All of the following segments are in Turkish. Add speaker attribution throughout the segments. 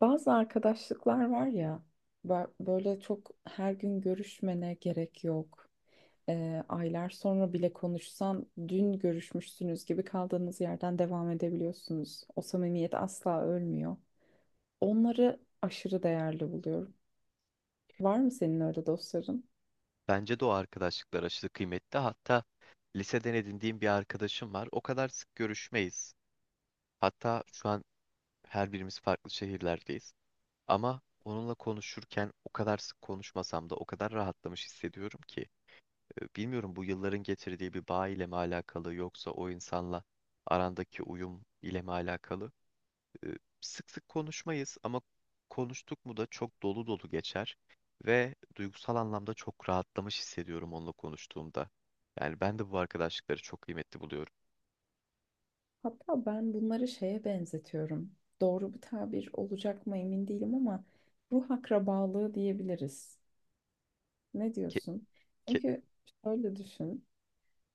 Speaker 1: Bazı arkadaşlıklar var ya böyle çok her gün görüşmene gerek yok. Aylar sonra bile konuşsan dün görüşmüşsünüz gibi kaldığınız yerden devam edebiliyorsunuz. O samimiyet asla ölmüyor. Onları aşırı değerli buluyorum. Var mı senin öyle dostların?
Speaker 2: Bence de o arkadaşlıklar aşırı kıymetli. Hatta liseden edindiğim bir arkadaşım var. O kadar sık görüşmeyiz. Hatta şu an her birimiz farklı şehirlerdeyiz. Ama onunla konuşurken o kadar sık konuşmasam da o kadar rahatlamış hissediyorum ki. Bilmiyorum bu yılların getirdiği bir bağ ile mi alakalı yoksa o insanla arandaki uyum ile mi alakalı? e, Sık sık konuşmayız ama konuştuk mu da çok dolu dolu geçer ve duygusal anlamda çok rahatlamış hissediyorum onunla konuştuğumda. Yani ben de bu arkadaşlıkları çok kıymetli buluyorum.
Speaker 1: Hatta ben bunları şeye benzetiyorum. Doğru bir tabir olacak mı emin değilim ama ruh akrabalığı diyebiliriz. Ne
Speaker 2: Ke-
Speaker 1: diyorsun?
Speaker 2: ke-
Speaker 1: Çünkü şöyle düşün.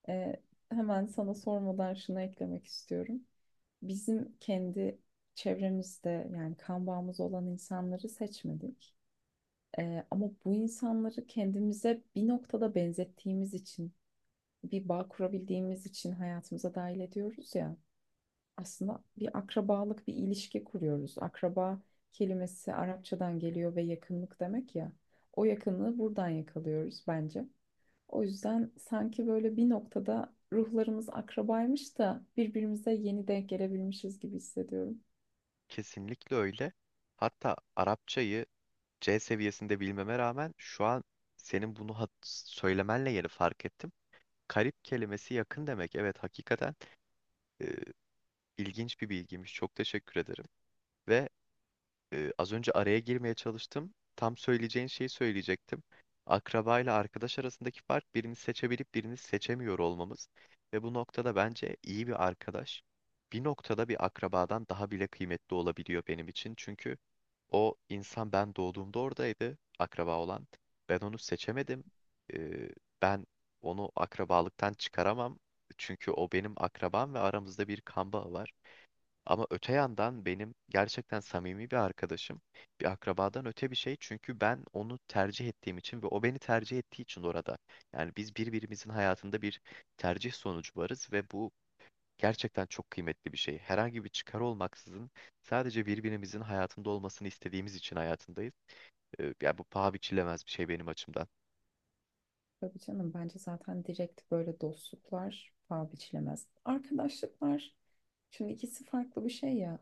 Speaker 1: Ee, Hemen sana sormadan şunu eklemek istiyorum. Bizim kendi çevremizde yani kan bağımız olan insanları seçmedik. Ama bu insanları kendimize bir noktada benzettiğimiz için, bir bağ kurabildiğimiz için hayatımıza dahil ediyoruz ya. Aslında bir akrabalık, bir ilişki kuruyoruz. Akraba kelimesi Arapçadan geliyor ve yakınlık demek ya. O yakınlığı buradan yakalıyoruz bence. O yüzden sanki böyle bir noktada ruhlarımız akrabaymış da birbirimize yeni denk gelebilmişiz gibi hissediyorum.
Speaker 2: Kesinlikle öyle. Hatta Arapçayı C seviyesinde bilmeme rağmen şu an senin bunu söylemenle yeni fark ettim. Karip kelimesi yakın demek. Evet, hakikaten e, ilginç bir bilgiymiş. Çok teşekkür ederim. Ve az önce araya girmeye çalıştım. Tam söyleyeceğin şeyi söyleyecektim. Akraba ile arkadaş arasındaki fark birini seçebilip birini seçemiyor olmamız. Ve bu noktada bence iyi bir arkadaş bir noktada bir akrabadan daha bile kıymetli olabiliyor benim için. Çünkü o insan ben doğduğumda oradaydı, akraba olan. Ben onu seçemedim. Ee, Ben onu akrabalıktan çıkaramam. Çünkü o benim akrabam ve aramızda bir kan bağı var. Ama öte yandan benim gerçekten samimi bir arkadaşım bir akrabadan öte bir şey. Çünkü ben onu tercih ettiğim için ve o beni tercih ettiği için orada. Yani biz birbirimizin hayatında bir tercih sonucu varız ve bu gerçekten çok kıymetli bir şey. Herhangi bir çıkar olmaksızın sadece birbirimizin hayatında olmasını istediğimiz için hayatındayız. Yani bu paha biçilemez bir şey benim açımdan.
Speaker 1: Tabii canım, bence zaten direkt böyle dostluklar paha biçilemez. Arkadaşlıklar, şimdi ikisi farklı bir şey ya.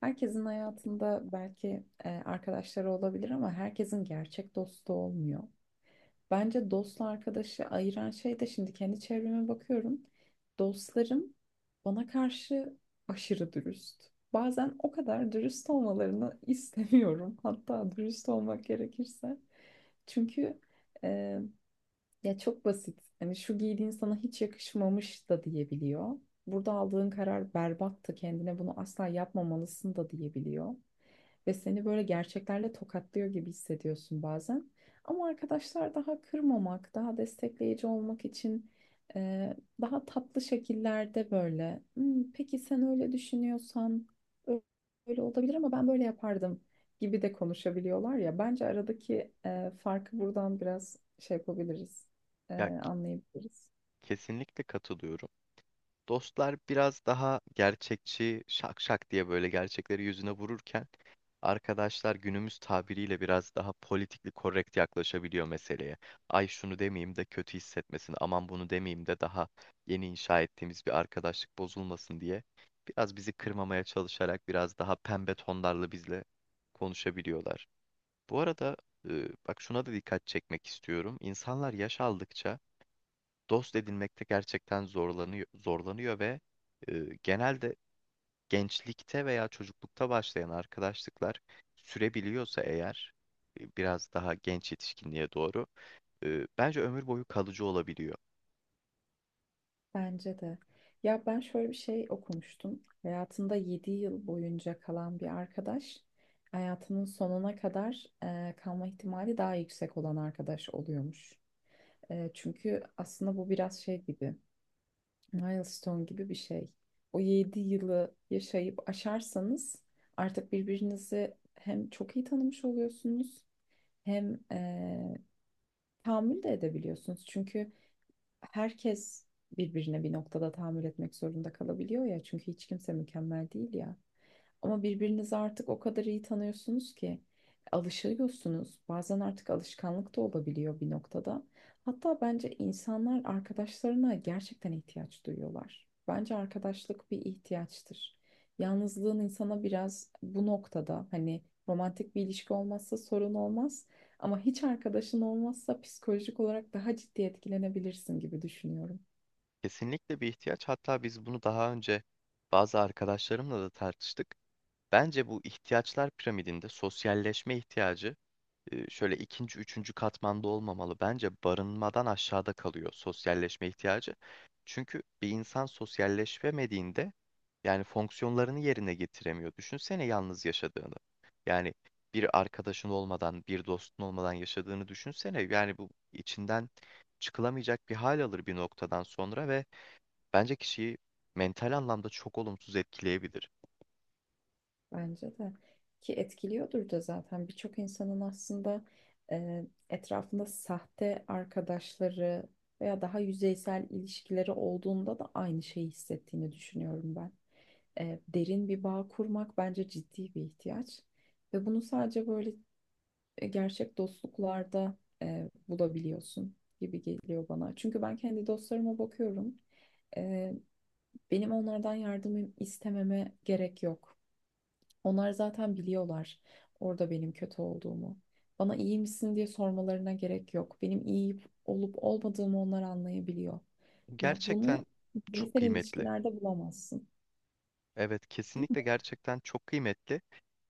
Speaker 1: Herkesin hayatında belki arkadaşları olabilir ama herkesin gerçek dostu olmuyor. Bence dostla arkadaşı ayıran şey de, şimdi kendi çevreme bakıyorum. Dostlarım bana karşı aşırı dürüst. Bazen o kadar dürüst olmalarını istemiyorum. Hatta dürüst olmak gerekirse. Çünkü e, Ya çok basit. Hani şu giydiğin sana hiç yakışmamış da diyebiliyor. Burada aldığın karar berbattı. Kendine bunu asla yapmamalısın da diyebiliyor ve seni böyle gerçeklerle tokatlıyor gibi hissediyorsun bazen. Ama arkadaşlar daha kırmamak, daha destekleyici olmak için daha tatlı şekillerde böyle "Hmm, peki sen öyle düşünüyorsan ö- öyle olabilir ama ben böyle yapardım" gibi de konuşabiliyorlar ya. Bence aradaki farkı buradan biraz şey yapabiliriz,
Speaker 2: Ya,
Speaker 1: anlayabiliriz.
Speaker 2: kesinlikle katılıyorum. Dostlar biraz daha gerçekçi, şak şak diye böyle gerçekleri yüzüne vururken arkadaşlar günümüz tabiriyle biraz daha politikli korrekt yaklaşabiliyor meseleye. Ay şunu demeyeyim de kötü hissetmesin, aman bunu demeyeyim de daha yeni inşa ettiğimiz bir arkadaşlık bozulmasın diye biraz bizi kırmamaya çalışarak biraz daha pembe tonlarla bizle konuşabiliyorlar. Bu arada bak şuna da dikkat çekmek istiyorum. İnsanlar yaş aldıkça dost edinmekte gerçekten zorlanıyor ve e, genelde gençlikte veya çocuklukta başlayan arkadaşlıklar sürebiliyorsa eğer biraz daha genç yetişkinliğe doğru bence ömür boyu kalıcı olabiliyor.
Speaker 1: Bence de. Ya ben şöyle bir şey okumuştum. Hayatında 7 yıl boyunca kalan bir arkadaş, hayatının sonuna kadar kalma ihtimali daha yüksek olan arkadaş oluyormuş. Çünkü aslında bu biraz şey gibi, milestone gibi bir şey. O 7 yılı yaşayıp aşarsanız artık birbirinizi hem çok iyi tanımış oluyorsunuz hem tahammül de edebiliyorsunuz. Çünkü herkes birbirine bir noktada tahammül etmek zorunda kalabiliyor ya. Çünkü hiç kimse mükemmel değil ya. Ama birbirinizi artık o kadar iyi tanıyorsunuz ki alışıyorsunuz. Bazen artık alışkanlık da olabiliyor bir noktada. Hatta bence insanlar arkadaşlarına gerçekten ihtiyaç duyuyorlar. Bence arkadaşlık bir ihtiyaçtır. Yalnızlığın insana biraz bu noktada, hani romantik bir ilişki olmazsa sorun olmaz. Ama hiç arkadaşın olmazsa psikolojik olarak daha ciddi etkilenebilirsin gibi düşünüyorum.
Speaker 2: Kesinlikle bir ihtiyaç. Hatta biz bunu daha önce bazı arkadaşlarımla da tartıştık. Bence bu ihtiyaçlar piramidinde sosyalleşme ihtiyacı şöyle ikinci, üçüncü katmanda olmamalı. Bence barınmadan aşağıda kalıyor sosyalleşme ihtiyacı. Çünkü bir insan sosyalleşemediğinde yani fonksiyonlarını yerine getiremiyor. Düşünsene yalnız yaşadığını. Yani bir arkadaşın olmadan, bir dostun olmadan yaşadığını düşünsene. Yani bu içinden çıkılamayacak bir hal alır bir noktadan sonra ve bence kişiyi mental anlamda çok olumsuz etkileyebilir.
Speaker 1: Bence de. Ki etkiliyordur da zaten, birçok insanın aslında etrafında sahte arkadaşları veya daha yüzeysel ilişkileri olduğunda da aynı şeyi hissettiğini düşünüyorum ben. Derin bir bağ kurmak bence ciddi bir ihtiyaç. Ve bunu sadece böyle gerçek dostluklarda bulabiliyorsun gibi geliyor bana. Çünkü ben kendi dostlarıma bakıyorum. E, Benim onlardan yardım istememe gerek yok. Onlar zaten biliyorlar orada benim kötü olduğumu. Bana iyi misin diye sormalarına gerek yok. Benim iyi olup olmadığımı onlar anlayabiliyor. Ya bunu
Speaker 2: Gerçekten çok
Speaker 1: bireysel
Speaker 2: kıymetli.
Speaker 1: ilişkilerde bulamazsın.
Speaker 2: Evet, kesinlikle gerçekten çok kıymetli.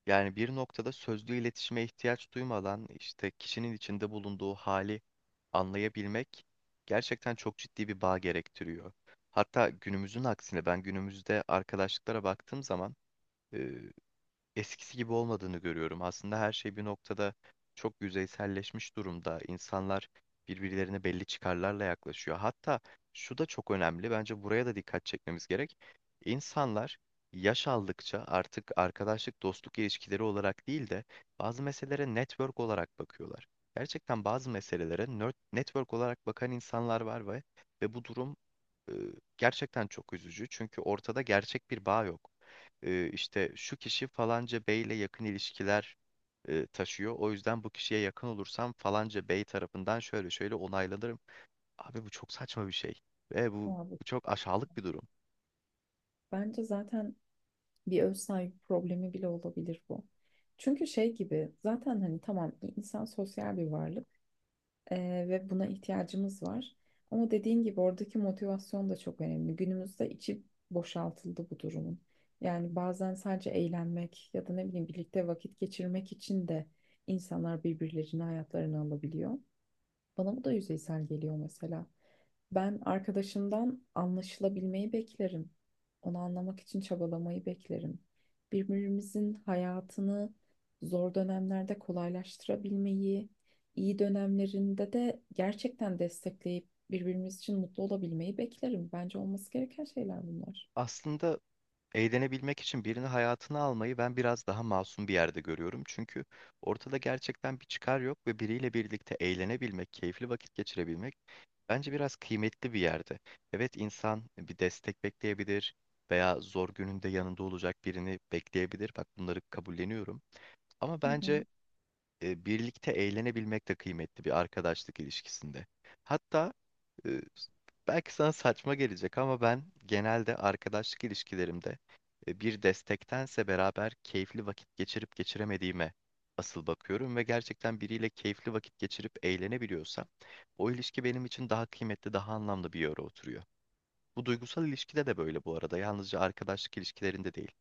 Speaker 2: Yani bir noktada sözlü iletişime ihtiyaç duymadan işte kişinin içinde bulunduğu hali anlayabilmek gerçekten çok ciddi bir bağ gerektiriyor. Hatta günümüzün aksine ben günümüzde arkadaşlıklara baktığım zaman eskisi gibi olmadığını görüyorum. Aslında her şey bir noktada çok yüzeyselleşmiş durumda. İnsanlar birbirlerine belli çıkarlarla yaklaşıyor. Hatta şu da çok önemli. Bence buraya da dikkat çekmemiz gerek. İnsanlar yaş aldıkça artık arkadaşlık, dostluk ilişkileri olarak değil de bazı meselelere network olarak bakıyorlar. Gerçekten bazı meselelere network olarak bakan insanlar var ve bu durum e, gerçekten çok üzücü. Çünkü ortada gerçek bir bağ yok, işte şu kişi falanca beyle yakın ilişkiler taşıyor. O yüzden bu kişiye yakın olursam falanca bey tarafından şöyle şöyle onaylanırım. Abi bu çok saçma bir şey. Ve
Speaker 1: Ya
Speaker 2: bu,
Speaker 1: bu-
Speaker 2: bu çok aşağılık bir durum.
Speaker 1: Bence zaten bir öz saygı problemi bile olabilir bu. Çünkü şey gibi zaten, hani tamam, insan sosyal bir varlık ve buna ihtiyacımız var. Ama dediğin gibi oradaki motivasyon da çok önemli. Günümüzde içi boşaltıldı bu durumun. Yani bazen sadece eğlenmek ya da ne bileyim birlikte vakit geçirmek için de insanlar birbirlerini hayatlarına alabiliyor. Bana bu da yüzeysel geliyor mesela. Ben arkadaşımdan anlaşılabilmeyi beklerim. Onu anlamak için çabalamayı beklerim. Birbirimizin hayatını zor dönemlerde kolaylaştırabilmeyi, iyi dönemlerinde de gerçekten destekleyip birbirimiz için mutlu olabilmeyi beklerim. Bence olması gereken şeyler bunlar.
Speaker 2: Aslında eğlenebilmek için birini hayatına almayı ben biraz daha masum bir yerde görüyorum. Çünkü ortada gerçekten bir çıkar yok ve biriyle birlikte eğlenebilmek, keyifli vakit geçirebilmek bence biraz kıymetli bir yerde. Evet, insan bir destek bekleyebilir veya zor gününde yanında olacak birini bekleyebilir. Bak, bunları kabulleniyorum. Ama
Speaker 1: Hı
Speaker 2: bence
Speaker 1: hı.
Speaker 2: birlikte eğlenebilmek de kıymetli bir arkadaşlık ilişkisinde. Hatta e, belki sana saçma gelecek ama ben genelde arkadaşlık ilişkilerimde bir destektense beraber keyifli vakit geçirip geçiremediğime asıl bakıyorum ve gerçekten biriyle keyifli vakit geçirip eğlenebiliyorsam o ilişki benim için daha kıymetli, daha anlamlı bir yere oturuyor. Bu duygusal ilişkide de böyle bu arada. Yalnızca arkadaşlık ilişkilerinde değil.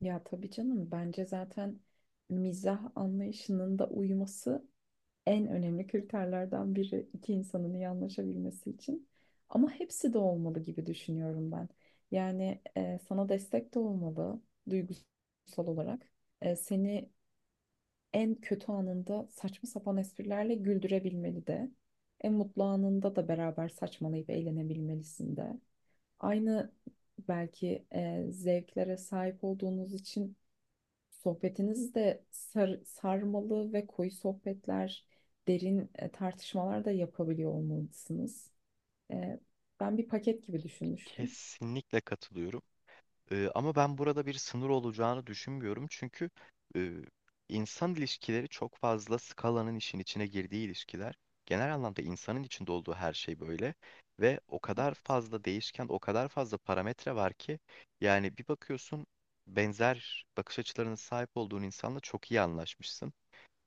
Speaker 1: Ya tabii canım, bence zaten mizah anlayışının da uyuması en önemli kriterlerden biri iki insanın iyi anlaşabilmesi için. Ama hepsi de olmalı gibi düşünüyorum ben. Yani sana destek de olmalı duygusal olarak. Seni en kötü anında saçma sapan esprilerle güldürebilmeli de. En mutlu anında da beraber saçmalayıp eğlenebilmelisin de. Aynı belki zevklere sahip olduğunuz için sohbetiniz de sarmalı ve koyu sohbetler, derin tartışmalar da yapabiliyor olmalısınız. E, Ben bir paket gibi düşünmüştüm.
Speaker 2: Kesinlikle katılıyorum. Ama ben burada bir sınır olacağını düşünmüyorum. Çünkü e, insan ilişkileri çok fazla skalanın işin içine girdiği ilişkiler. Genel anlamda insanın içinde olduğu her şey böyle. Ve o kadar fazla değişken, o kadar fazla parametre var ki yani bir bakıyorsun benzer bakış açılarına sahip olduğun insanla çok iyi anlaşmışsın.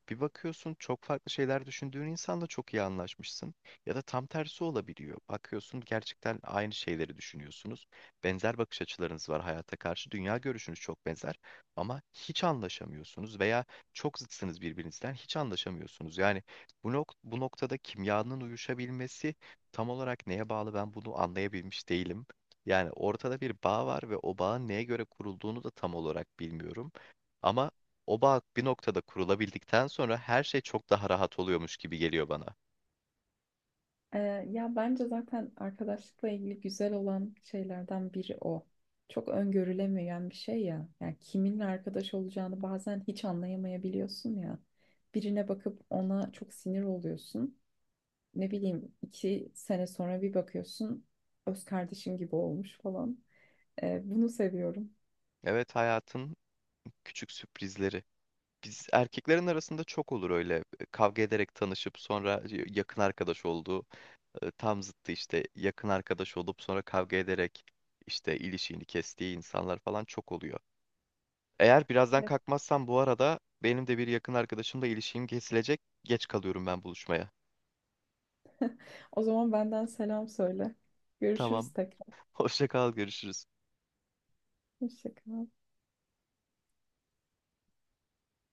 Speaker 2: Bir bakıyorsun çok farklı şeyler düşündüğün insanla çok iyi anlaşmışsın. Ya da tam tersi olabiliyor. Bakıyorsun gerçekten aynı şeyleri düşünüyorsunuz. Benzer bakış açılarınız var hayata karşı. Dünya görüşünüz çok benzer ama hiç anlaşamıyorsunuz veya çok zıtsınız birbirinizden hiç anlaşamıyorsunuz. Yani bu noktada kimyanın uyuşabilmesi tam olarak neye bağlı ben bunu anlayabilmiş değilim. Yani ortada bir bağ var ve o bağın neye göre kurulduğunu da tam olarak bilmiyorum. Ama o bağ bir noktada kurulabildikten sonra her şey çok daha rahat oluyormuş gibi geliyor bana.
Speaker 1: E, Ya bence zaten arkadaşlıkla ilgili güzel olan şeylerden biri o. Çok öngörülemeyen bir şey ya. Yani kiminle arkadaş olacağını bazen hiç anlayamayabiliyorsun ya. Birine bakıp ona çok sinir oluyorsun. Ne bileyim, 2 sene sonra bir bakıyorsun öz kardeşin gibi olmuş falan. Bunu seviyorum.
Speaker 2: Evet, hayatın küçük sürprizleri. Biz erkeklerin arasında çok olur öyle kavga ederek tanışıp sonra yakın arkadaş olduğu, tam zıttı işte yakın arkadaş olup sonra kavga ederek işte ilişiğini kestiği insanlar falan çok oluyor. Eğer birazdan
Speaker 1: Evet.
Speaker 2: kalkmazsam bu arada benim de bir yakın arkadaşımla ilişiğim kesilecek. Geç kalıyorum ben buluşmaya.
Speaker 1: O zaman benden selam söyle.
Speaker 2: Tamam.
Speaker 1: Görüşürüz tekrar.
Speaker 2: Hoşça kal, görüşürüz.
Speaker 1: Hoşça kal.